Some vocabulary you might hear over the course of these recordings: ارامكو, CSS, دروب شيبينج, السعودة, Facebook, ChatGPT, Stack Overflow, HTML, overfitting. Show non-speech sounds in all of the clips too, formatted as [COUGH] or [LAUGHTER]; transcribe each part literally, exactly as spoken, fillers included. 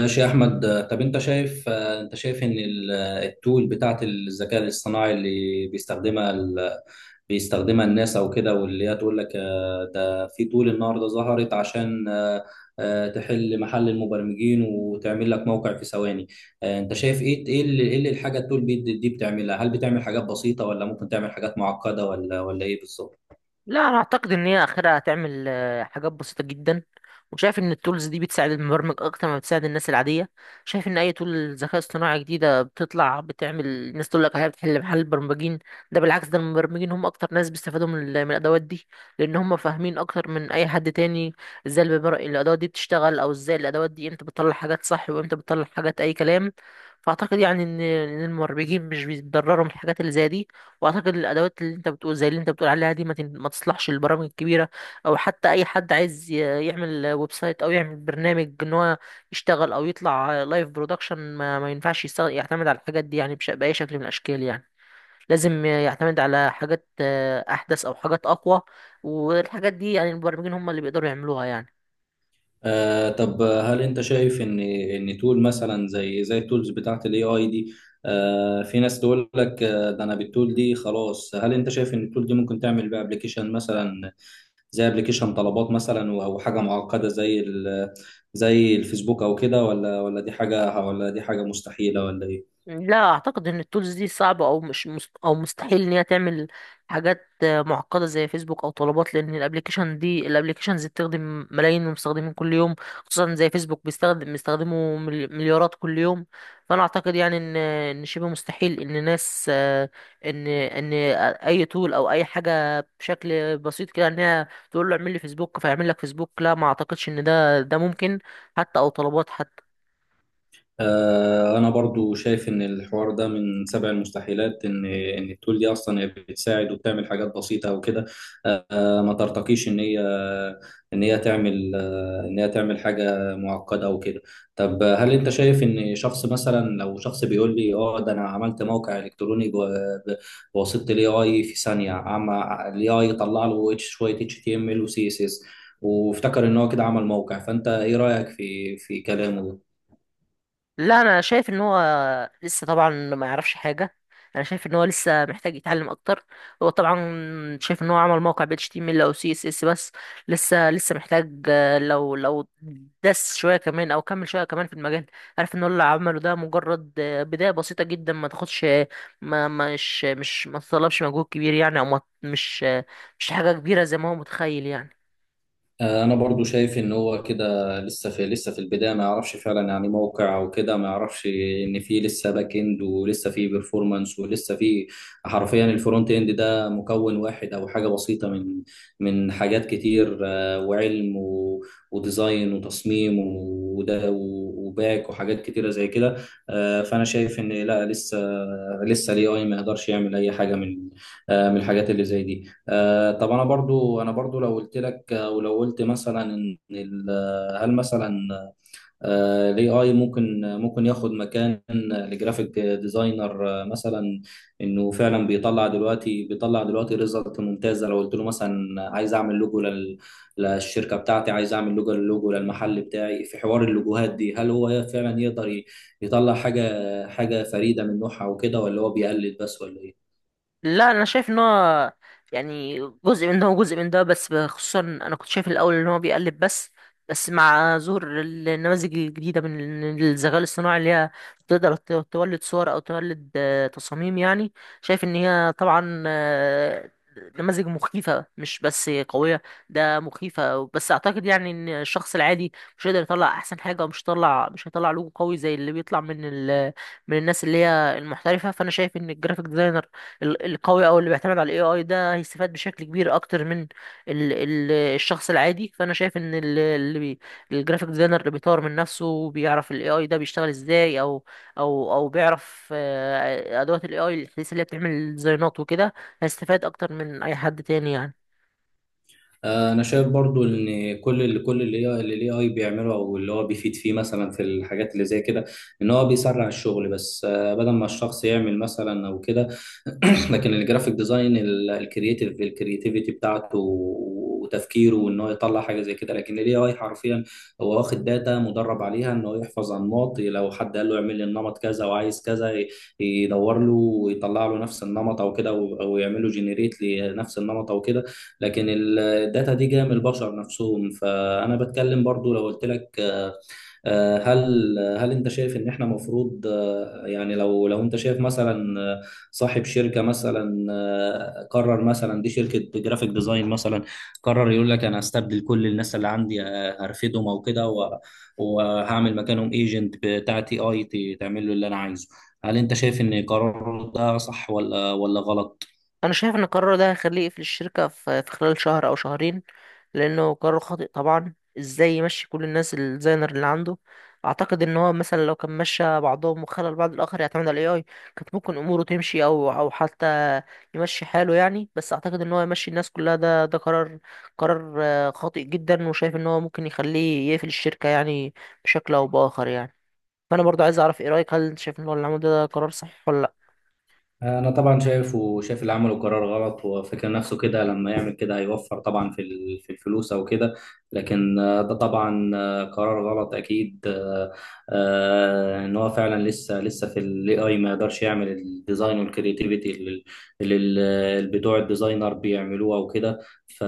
ماشي يا احمد. آه، طب انت شايف، آه، انت شايف ان ال- آه، التول بتاعت الذكاء الاصطناعي اللي بيستخدمها ال... بيستخدمها الناس او كده، واللي هي تقول لك آه، ده في تول النهارده ظهرت عشان آه، آه، تحل محل المبرمجين وتعمل لك موقع في ثواني. آه، انت شايف ايه ايه اللي, إيه اللي الحاجه التول دي دي بتعملها؟ هل بتعمل حاجات بسيطه، ولا ممكن تعمل حاجات معقده، ولا ولا ايه بالظبط؟ لا، انا اعتقد ان هي اخرها هتعمل آه، حاجات بسيطه جدا. وشايف ان التولز دي بتساعد المبرمج اكتر ما بتساعد الناس العاديه. شايف ان اي تول ذكاء اصطناعي جديده بتطلع بتعمل الناس تقول لك هي بتحل محل البرمجين. ده بالعكس، ده المبرمجين هم اكتر ناس بيستفادوا من ال- من الادوات دي، لان هم فاهمين اكتر من اي حد تاني ازاي الببر- الادوات دي بتشتغل، او ازاي الادوات دي امتى بتطلع حاجات صح وامتى بتطلع حاجات اي كلام. فاعتقد يعني ان إن المبرمجين مش بيتضرروا من الحاجات اللي زي دي. واعتقد الادوات اللي انت بتقول زي اللي انت بتقول عليها دي ما, تن- ما تصلحش للبرامج الكبيره، او حتى اي حد عايز ي- يعمل ويب سايت او يعمل برنامج ان هو يشتغل او يطلع لايف برودكشن، ما, ما ينفعش يستغ- يعتمد على الحاجات دي يعني بش- باي شكل من الاشكال يعني. لازم يعتمد على حاجات آه، احدث او حاجات اقوى، والحاجات دي يعني المبرمجين هم اللي بيقدروا يعملوها يعني. آه طب هل انت شايف ان ان تول مثلا زي زي التولز بتاعت الاي اي دي؟ آه في ناس تقول لك آه ده انا بالتول دي خلاص. هل انت شايف ان التول دي ممكن تعمل بقى ابلكيشن مثلا، زي ابلكيشن طلبات مثلا، و- او حاجه معقده زي ال- زي الفيسبوك او كده؟ ولا ولا دي حاجه ولا دي حاجه مستحيله، ولا ايه؟ لا، اعتقد ان التولز دي صعبه او مش مست... او مستحيل ان هي تعمل حاجات آه، معقده زي فيسبوك او طلبات، لان الابلكيشن دي الابلكيشنز بتخدم ملايين من المستخدمين كل يوم. خصوصا زي فيسبوك بيستخدم بيستخدموا ملي- مليارات كل يوم. فانا اعتقد يعني ان ان شبه مستحيل ان ناس آه، ان ان اي تول او اي حاجه بشكل بسيط كده ان هي تقول له اعمل لي فيسبوك فيعمل لك فيسبوك. لا، ما اعتقدش ان ده ده ممكن، حتى او طلبات. آه، أنا برضو شايف إن الحوار ده من سبع المستحيلات. إن إن التول دي أصلا هي بتساعد وبتعمل حاجات بسيطة وكده، آه، ما ترتقيش إن هي إن هي تعمل آه، إن هي تعمل حاجة معقدة أو كده. طب هل أنت شايف إن شخص مثلا، لو شخص بيقول لي أه ده أنا عملت موقع إلكتروني جوا- ب- بواسطة ال A I في ثانية، عم ال AI يطلع له اتش- شوية إتش تي إم إل و C S S، وافتكر إن هو كده عمل موقع؟ فأنت إيه رأيك في في كلامه؟ لا، انا شايف ان هو لسه طبعا ما يعرفش حاجه. انا شايف ان هو لسه محتاج يتعلم اكتر. هو طبعا شايف ان هو عمل موقع ب إتش تي إم إل او سي إس إس بس. لسه لسه محتاج، آه، لو لو دس شويه كمان او كمل شويه كمان في المجال، عارف ان هو اللي عمله ده مجرد آه، بدايه بسيطه جدا ما تاخدش، ما مش مش ما تطلبش مجهود كبير يعني، او ما مش آه، مش حاجه كبيره زي ما هو متخيل يعني. آه، انا برضو شايف ان هو كده لسه في لسه في البدايه، ما يعرفش فعلا يعني موقع او كده. ما يعرفش ان في لسه باك اند، ولسه في بيرفورمانس، ولسه في، حرفيا الفرونت اند ده مكون واحد او حاجه بسيطه من من حاجات كتير، آه، وعلم، و- وديزاين وتصميم وده، و- وباك وحاجات كتيره زي كده. آه، فانا شايف ان لا، لسه لسه الاي اي ما يقدرش يعمل اي حاجه من آه، من الحاجات اللي زي دي. آه، طب انا برضو، انا برضو لو قلت لك آه، ولو قلت مثلا، ان ال- آه، هل مثلا الاي اي ممكن ممكن ياخد مكان الجرافيك ديزاينر آه، مثلا؟ انه فعلا بيطلع دلوقتي، بيطلع دلوقتي ريزلت ممتازه. لو قلت له مثلا عايز اعمل لوجو لل- للشركه بتاعتي، عايز اعمل لوجو، للوجو للمحل بتاعي، في حوار اللوجوهات دي، هل هو فعلا يقدر ي- يطلع حاجه، حاجه فريده من نوعها وكده، ولا هو بيقلد بس، ولا ايه؟ لا، انا شايف ان هو يعني جزء من ده وجزء من ده، بس خصوصا انا كنت شايف الاول ان هو بيقلب بس. بس مع ظهور النماذج الجديده من الذكاء الاصطناعي اللي هي تقدر ت- تولد صور او تولد آه، تصاميم يعني، شايف ان هي طبعا آه، نماذج مخيفه مش بس قويه، ده مخيفه. بس اعتقد يعني ان الشخص العادي مش هيقدر يطلع احسن حاجه، ومش هيطلع مش هيطلع لوجو قوي زي اللي بيطلع من ال من الناس اللي هي المحترفة. فأنا شايف إن الجرافيك ديزاينر ال- القوي او اللي بيعتمد على الاي اي ده هيستفاد بشكل كبير اكتر من ال ال الشخص العادي. فانا شايف ان ال- اللي بي الجرافيك ديزاينر اللي بيطور من نفسه وبيعرف الاي اي ده بيشتغل ازاي، او او او بيعرف آه، ادوات الاي اي الحديثه اللي هي بتعمل ديزاينات وكده، هيستفاد اكتر من اي حد تاني يعني. آه، انا شايف برضو ان كل اللي كل اللي هي اللي الاي اي بيعمله، او اللي هو بيفيد فيه مثلا في الحاجات اللي زي كده، ان هو بيسرع الشغل بس، آه، بدل ما الشخص يعمل مثلا او كده. [CLEARS THROAT] لكن الجرافيك ديزاين، الكرييتيف الكرياتيفيتي بتاعته وتفكيره، وان هو يطلع حاجه زي كده. لكن الاي اي حرفيا هو واخد داتا مدرب عليها، ان هو يحفظ انماط. لو حد قال له اعمل لي النمط كذا، وعايز كذا، ي- يدور له ويطلع له نفس النمط او كده، او أو يعمل له جنريت لنفس النمط او كده. لكن الداتا دي جايه من البشر نفسهم. فانا بتكلم برضو، لو قلت لك آه، آه، هل هل انت شايف ان احنا مفروض، آه، يعني لو لو انت شايف مثلا آه، صاحب شركه مثلا آه، قرر مثلا، دي شركه جرافيك ديزاين مثلا، قرر يقول لك انا هستبدل كل الناس اللي عندي، آه، هرفدهم او كده، و- وهعمل مكانهم ايجنت بتاعتي اي تعمل له اللي انا عايزه، هل انت شايف ان قراره ده صح ولا ولا غلط؟ انا شايف ان القرار ده هيخليه يقفل الشركه في في خلال شهر او شهرين لانه قرار خاطئ طبعا. ازاي يمشي كل الناس الديزاينر اللي عنده؟ اعتقد ان هو مثلا لو كان مشى بعضهم وخلى البعض الاخر يعتمد على الاي اي، كانت ممكن اموره تمشي او او حتى يمشي حاله يعني. بس اعتقد ان هو يمشي الناس كلها، ده ده قرار قرار آه، خاطئ جدا، وشايف ان هو ممكن يخليه يقفل الشركه يعني بشكل او باخر يعني. فانا برضو عايز اعرف ايه رايك، هل انت شايف ان هو اللي عمله ده قرار صح ولا؟ انا طبعا شايف وشايف اللي عمله قرار غلط. هو فاكر نفسه كده، لما يعمل كده هيوفر طبعا في ال- في الفلوس او كده. لكن آه، ده طبعا آه، قرار غلط اكيد. آه، آه، ان هو فعلا لسه لسه في الاي اي ما يقدرش يعمل الديزاين والكرياتيفيتي اللي اللي ال- بتوع الديزاينر بيعملوها وكده. ف-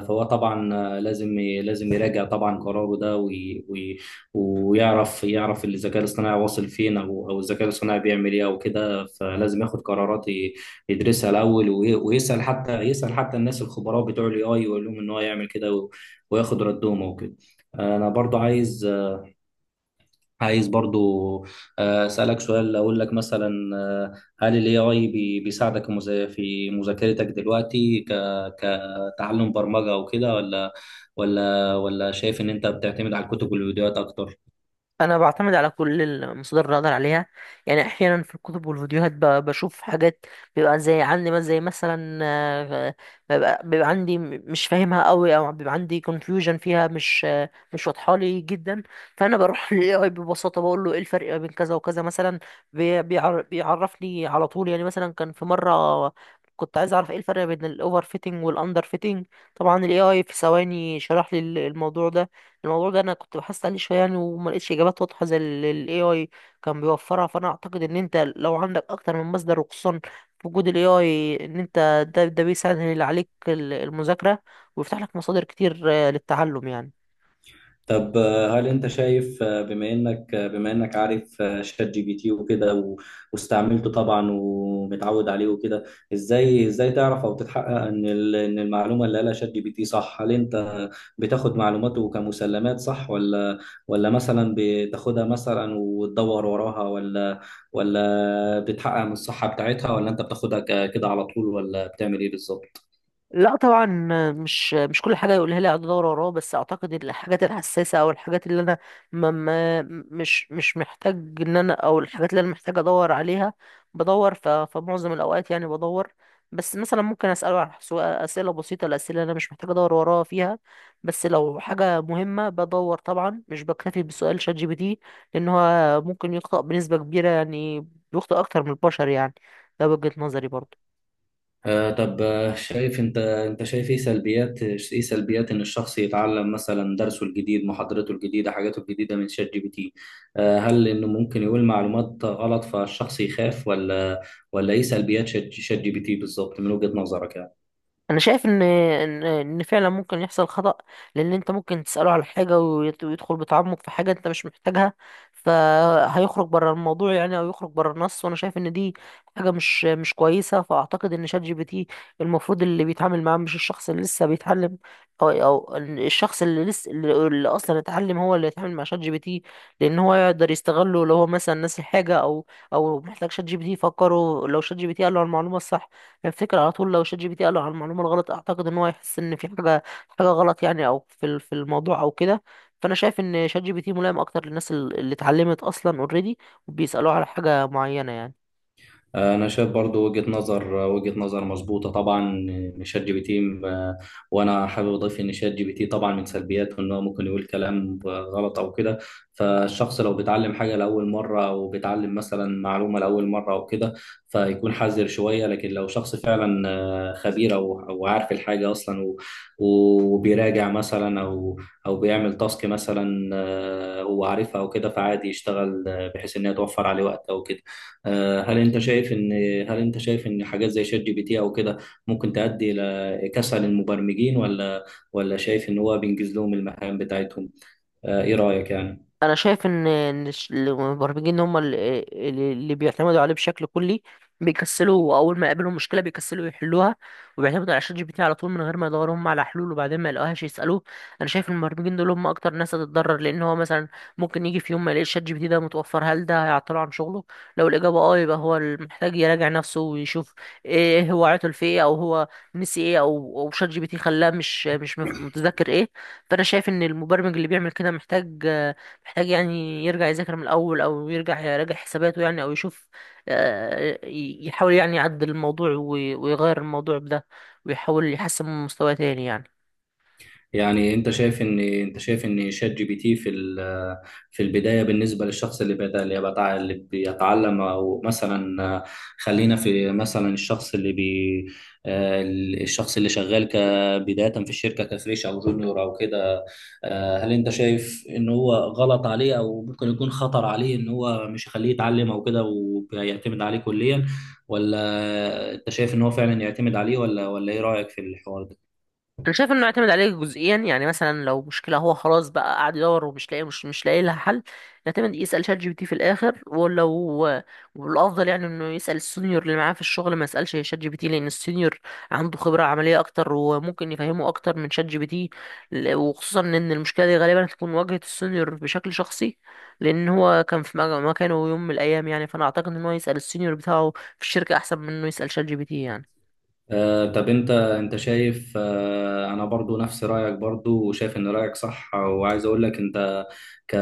فهو طبعا آه، لازم ي- لازم يراجع طبعا قراره ده، وي- وي- ويعرف يعرف الذكاء الاصطناعي واصل فين، او او الذكاء الاصطناعي بيعمل ايه او كده. فلازم ياخد قرارات، ي- يدرسها الاول، وي- ويسال حتى يسال حتى الناس الخبراء بتوع الاي اي، ويقول لهم ان هو يعمل كده، و- وياخد ردهم او كده. انا برضو عايز عايز برضو آه، اسالك سؤال، اقول لك مثلا آه، هل الاي اي بيساعدك مز- في مذاكرتك دلوقتي، ك- كتعلم برمجة او كده، ولا ولا ولا شايف ان انت بتعتمد على الكتب والفيديوهات اكتر؟ انا بعتمد على كل المصادر اللي اقدر عليها يعني. احيانا في الكتب والفيديوهات ب- بشوف حاجات، بيبقى زي عندي مثلا زي مثلا آه، بيبقى, بيبقى عندي م- مش فاهمها قوي، او بيبقى عندي confusion فيها، مش آه، مش واضحه لي جدا. فانا بروح [LAUGHS] للاي اي ببساطه بقول له ايه الفرق بين كذا وكذا مثلا، بي- بيعر- بيعرفني على طول. يعني مثلا كان في مره كنت عايز اعرف ايه الفرق بين الاوفر فيتنج والاندر فيتنج، طبعا الاي اي في ثواني شرح لي الموضوع ده. الموضوع ده انا كنت بحثت عليه شويه يعني وما لقيتش اجابات واضحه زي اللي الاي اي كان بيوفرها. فانا اعتقد ان انت لو عندك اكتر من مصدر، وخصوصا في وجود الاي اي، ان انت ده ده بيسهل عليك ال- المذاكره، ويفتح لك مصادر كتير آه، للتعلم يعني. طب آه، هل انت شايف آه، بما انك آه، بما انك عارف آه، شات جي بي تي وكده، و- واستعملته طبعا ومتعود عليه وكده، ازاي ازاي تعرف او تتحقق ان ال- ان المعلومه اللي قالها شات جي بي تي صح؟ هل انت بتاخد معلوماته كمسلمات صح، ولا ولا مثلا بتاخدها مثلا وتدور وراها، ولا ولا بتحقق من الصحه بتاعتها، ولا انت بتاخدها ك- كده على طول، ولا بتعمل ايه بالظبط؟ لا طبعا، مش مش كل حاجه يقولها لي اقعد ادور وراه. بس اعتقد إن الحاجات الحساسه، او الحاجات اللي انا ما ما مش مش محتاج ان انا، او الحاجات اللي انا محتاج ادور عليها، بدور. ف- فمعظم الاوقات يعني بدور. بس مثلا ممكن اساله على سؤال- اسئله بسيطه، الاسئله اللي انا مش محتاج ادور وراها فيها. بس لو حاجه مهمه بدور طبعا، مش بكتفي بسؤال شات جي بي تي، لان هو ممكن يخطئ بنسبه كبيره يعني، بيخطئ اكتر من البشر يعني. ده وجهه نظري برضه. آه طب آه، شايف انت انت شايف ايه سلبيات، ايه سلبيات ان الشخص يتعلم مثلا درسه الجديد، محاضرته الجديدة، حاجاته الجديدة، من شات جي بي تي؟ آه هل انه ممكن يقول معلومات غلط فالشخص يخاف، ولا ولا ايه سلبيات شات شات جي بي تي بالظبط من وجهة نظرك يعني؟ انا شايف ان ان ان فعلا ممكن يحصل خطأ، لان انت ممكن تسأله على حاجة ويت- ويدخل بتعمق في حاجة انت مش محتاجها، فهيخرج بره الموضوع يعني، او يخرج بره النص. وانا شايف ان دي حاجة مش مش كويسة. فاعتقد ان شات جي بي تي المفروض اللي بيتعامل معاه مش الشخص اللي لسه بيتعلم، او او إن الشخص اللي لسه اللي اللي اصلا اتعلم هو اللي يتعامل مع شات جي بي تي، لان هو يقدر يستغله لو هو مثلا ناسي حاجة، او او محتاج شات جي بي تي يفكره. لو شات جي بي تي قال له المعلومة الصح، الفكرة على طول. لو شات جي بي تي قال له على المعلومة الغلط، أعتقد إن هو هيحس إن في حاجة حاجة غلط يعني، أو في ال- في الموضوع أو كده. فأنا شايف إن شات جي بي تي ملائم أكتر للناس ال- اللي اتعلمت أصلا أوريدي، وبيسألوه على حاجة معينة يعني. انا شايف برضو وجهة نظر، وجهة نظر مظبوطة طبعا. شات جي بي تي م- وانا حابب اضيف ان شات جي بي تي طبعا من سلبياته ان هو ممكن يقول كلام غلط او كده. فالشخص لو بيتعلم حاجة لاول مرة، او بيتعلم مثلا معلومة لاول مرة او كده، فيكون حذر شوية. لكن لو شخص فعلا آه، خبير او او عارف الحاجة اصلا، و- وبيراجع مثلا، او او بيعمل تاسك مثلا آه، هو عارفها او كده، فعادي يشتغل آه، بحيث ان هي توفر عليه وقت او كده. آه، هل انت شايف ان هل انت شايف ان حاجات زي شات جي بي تي او كده ممكن تؤدي الى كسل المبرمجين، ولا ولا شايف ان هو بينجز لهم المهام بتاعتهم؟ آه، ايه رأيك يعني؟ انا شايف ان إن الش- المبرمجين هم اللي, اللي بيعتمدوا عليه بشكل كلي بيكسلوا. اول ما يقابلهم مشكله بيكسلوا يحلوها، وبيعتمدوا على شات جي بي تي على طول من غير ما يدوروا هم على حلول، وبعدين ما يلاقوهاش يسالوه. انا شايف المبرمجين دول هم اكتر ناس هتتضرر، لان هو مثلا ممكن يجي في يوم ما يلاقيش شات جي بي تي ده متوفر. هل ده هيعطله عن شغله؟ لو الاجابه اه، يبقى هو محتاج يراجع نفسه ويشوف ايه هو عطل في ايه، او هو نسي ايه، او او شات جي بي تي خلاه مش مش متذكر ايه. فانا شايف ان المبرمج اللي بيعمل كده محتاج محتاج يعني يرجع يذاكر من الأول، أو يرجع يراجع حساباته يعني، أو يشوف، آه، ي- يحاول يعني يعدل الموضوع وي- ويغير الموضوع بده، ويحاول يحسن من مستواه تاني يعني. يعني انت شايف ان انت شايف ان شات جي بي تي في ال- في البدايه بالنسبه للشخص اللي بدا، اللي بتاع، اللي بيتعلم، او مثلا آه، خلينا في مثلا الشخص اللي بي آه، الشخص اللي شغال كبدايه في الشركه كفريش او جونيور او كده. آه، هل انت شايف ان هو غلط عليه، او ممكن يكون خطر عليه، ان هو مش يخليه يتعلم او كده ويعتمد عليه كليا؟ ولا انت شايف ان هو فعلا يعتمد عليه، ولا ولا ايه رايك في الحوار ده؟ انا شايف انه يعتمد عليه جزئيا يعني. مثلا لو مشكله هو خلاص بقى قاعد يدور ومش لاقي، مش مش لاقي لها حل، يعتمد يسال شات جي بي تي في الاخر. ولو والافضل يعني انه يسال السينيور اللي معاه في الشغل، ما يسالش شات جي بي تي، لان السينيور عنده خبره عمليه اكتر وممكن يفهمه اكتر من شات جي بي تي. ل- وخصوصا ان المشكله دي غالبا هتكون واجهه السينيور بشكل شخصي، لان هو كان في مج- مكانه يوم من الايام يعني. فانا اعتقد ان هو يسال السينيور بتاعه في الشركه احسن من انه يسال شات جي بي تي يعني. آه، طب انت انت شايف آه، انا برضو نفس رايك برضو وشايف ان رايك صح. وعايز اقول لك انت، ك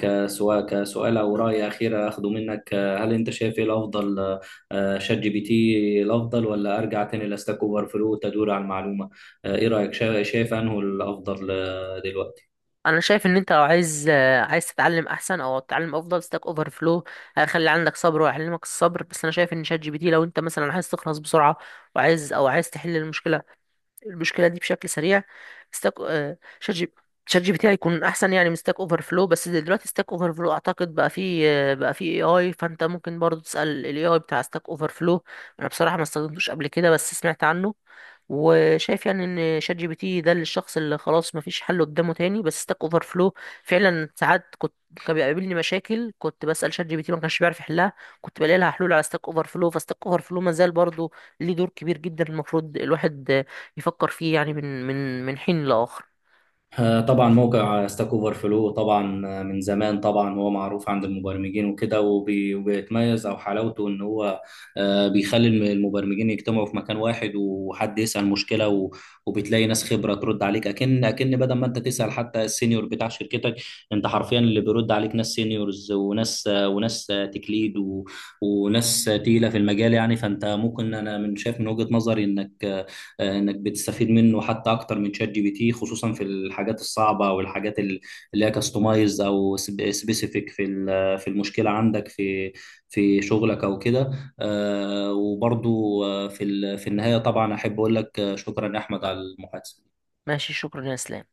كسؤال، كسؤال او راي اخير اخده منك، آه، هل انت شايف ايه الافضل؟ آه، شات جي بي تي الافضل، ولا ارجع تاني لاستاك اوفر فلو تدور على المعلومه؟ آه، ايه رايك؟ شا- شايف انه الافضل آه، دلوقتي؟ انا شايف ان انت لو عايز آه، عايز تتعلم احسن او تتعلم افضل، ستاك اوفر فلو هيخلي عندك صبر ويعلمك الصبر. بس انا شايف ان شات جي بي تي لو انت مثلا عايز تخلص بسرعه، وعايز او عايز تحل المشكله المشكله دي بشكل سريع، ستاك آه، شات جي شات جي بي تي هيكون احسن يعني من ستاك اوفر فلو. بس دلوقتي ستاك اوفر فلو اعتقد بقى فيه آه، بقى فيه اي اي، فانت ممكن برضو تسال الاي اي بتاع ستاك اوفر فلو. انا بصراحه ما استخدمتوش قبل كده بس سمعت عنه، وشايف يعني ان شات جي بي تي ده للشخص اللي خلاص مفيش حل قدامه تاني. بس ستاك اوفر فلو فعلا ساعات كنت، كان بيقابلني مشاكل كنت بسال شات جي بي تي ما كانش بيعرف يحلها، كنت بلاقي لها حلول على ستاك اوفر فلو. فستاك اوفر فلو ما زال برضه ليه دور كبير جدا، المفروض الواحد يفكر فيه يعني من من من حين لآخر. آه، طبعا موقع ستاك اوفر فلو طبعا آه، من زمان طبعا هو معروف عند المبرمجين وكده، وبي- وبيتميز. او حلاوته ان هو آه، بيخلي الم- المبرمجين يجتمعوا في مكان واحد، وحد يسأل مشكلة، و- وبتلاقي ناس خبرة ترد عليك، اكن اكن بدل ما انت تسأل حتى السينيور بتاع شركتك. انت حرفيا اللي بيرد عليك ناس سينيورز، وناس آه، وناس آه، تكليد، و- وناس آه، تقيلة في المجال، يعني. فانت ممكن، انا من شايف من وجهة نظري انك آه، آه، انك بتستفيد منه حتى اكتر من شات جي بي تي، خصوصا في الحاجات الصعبه، والحاجات ال- اللي هي كاستمايز او سبيسيفيك في ال- في المشكله عندك، في في شغلك او كده. آه، وبرضو آه، في ال- في النهايه طبعا احب اقول لك آه، شكرا يا احمد على المحادثه. ماشي، شكرا يا اسلام.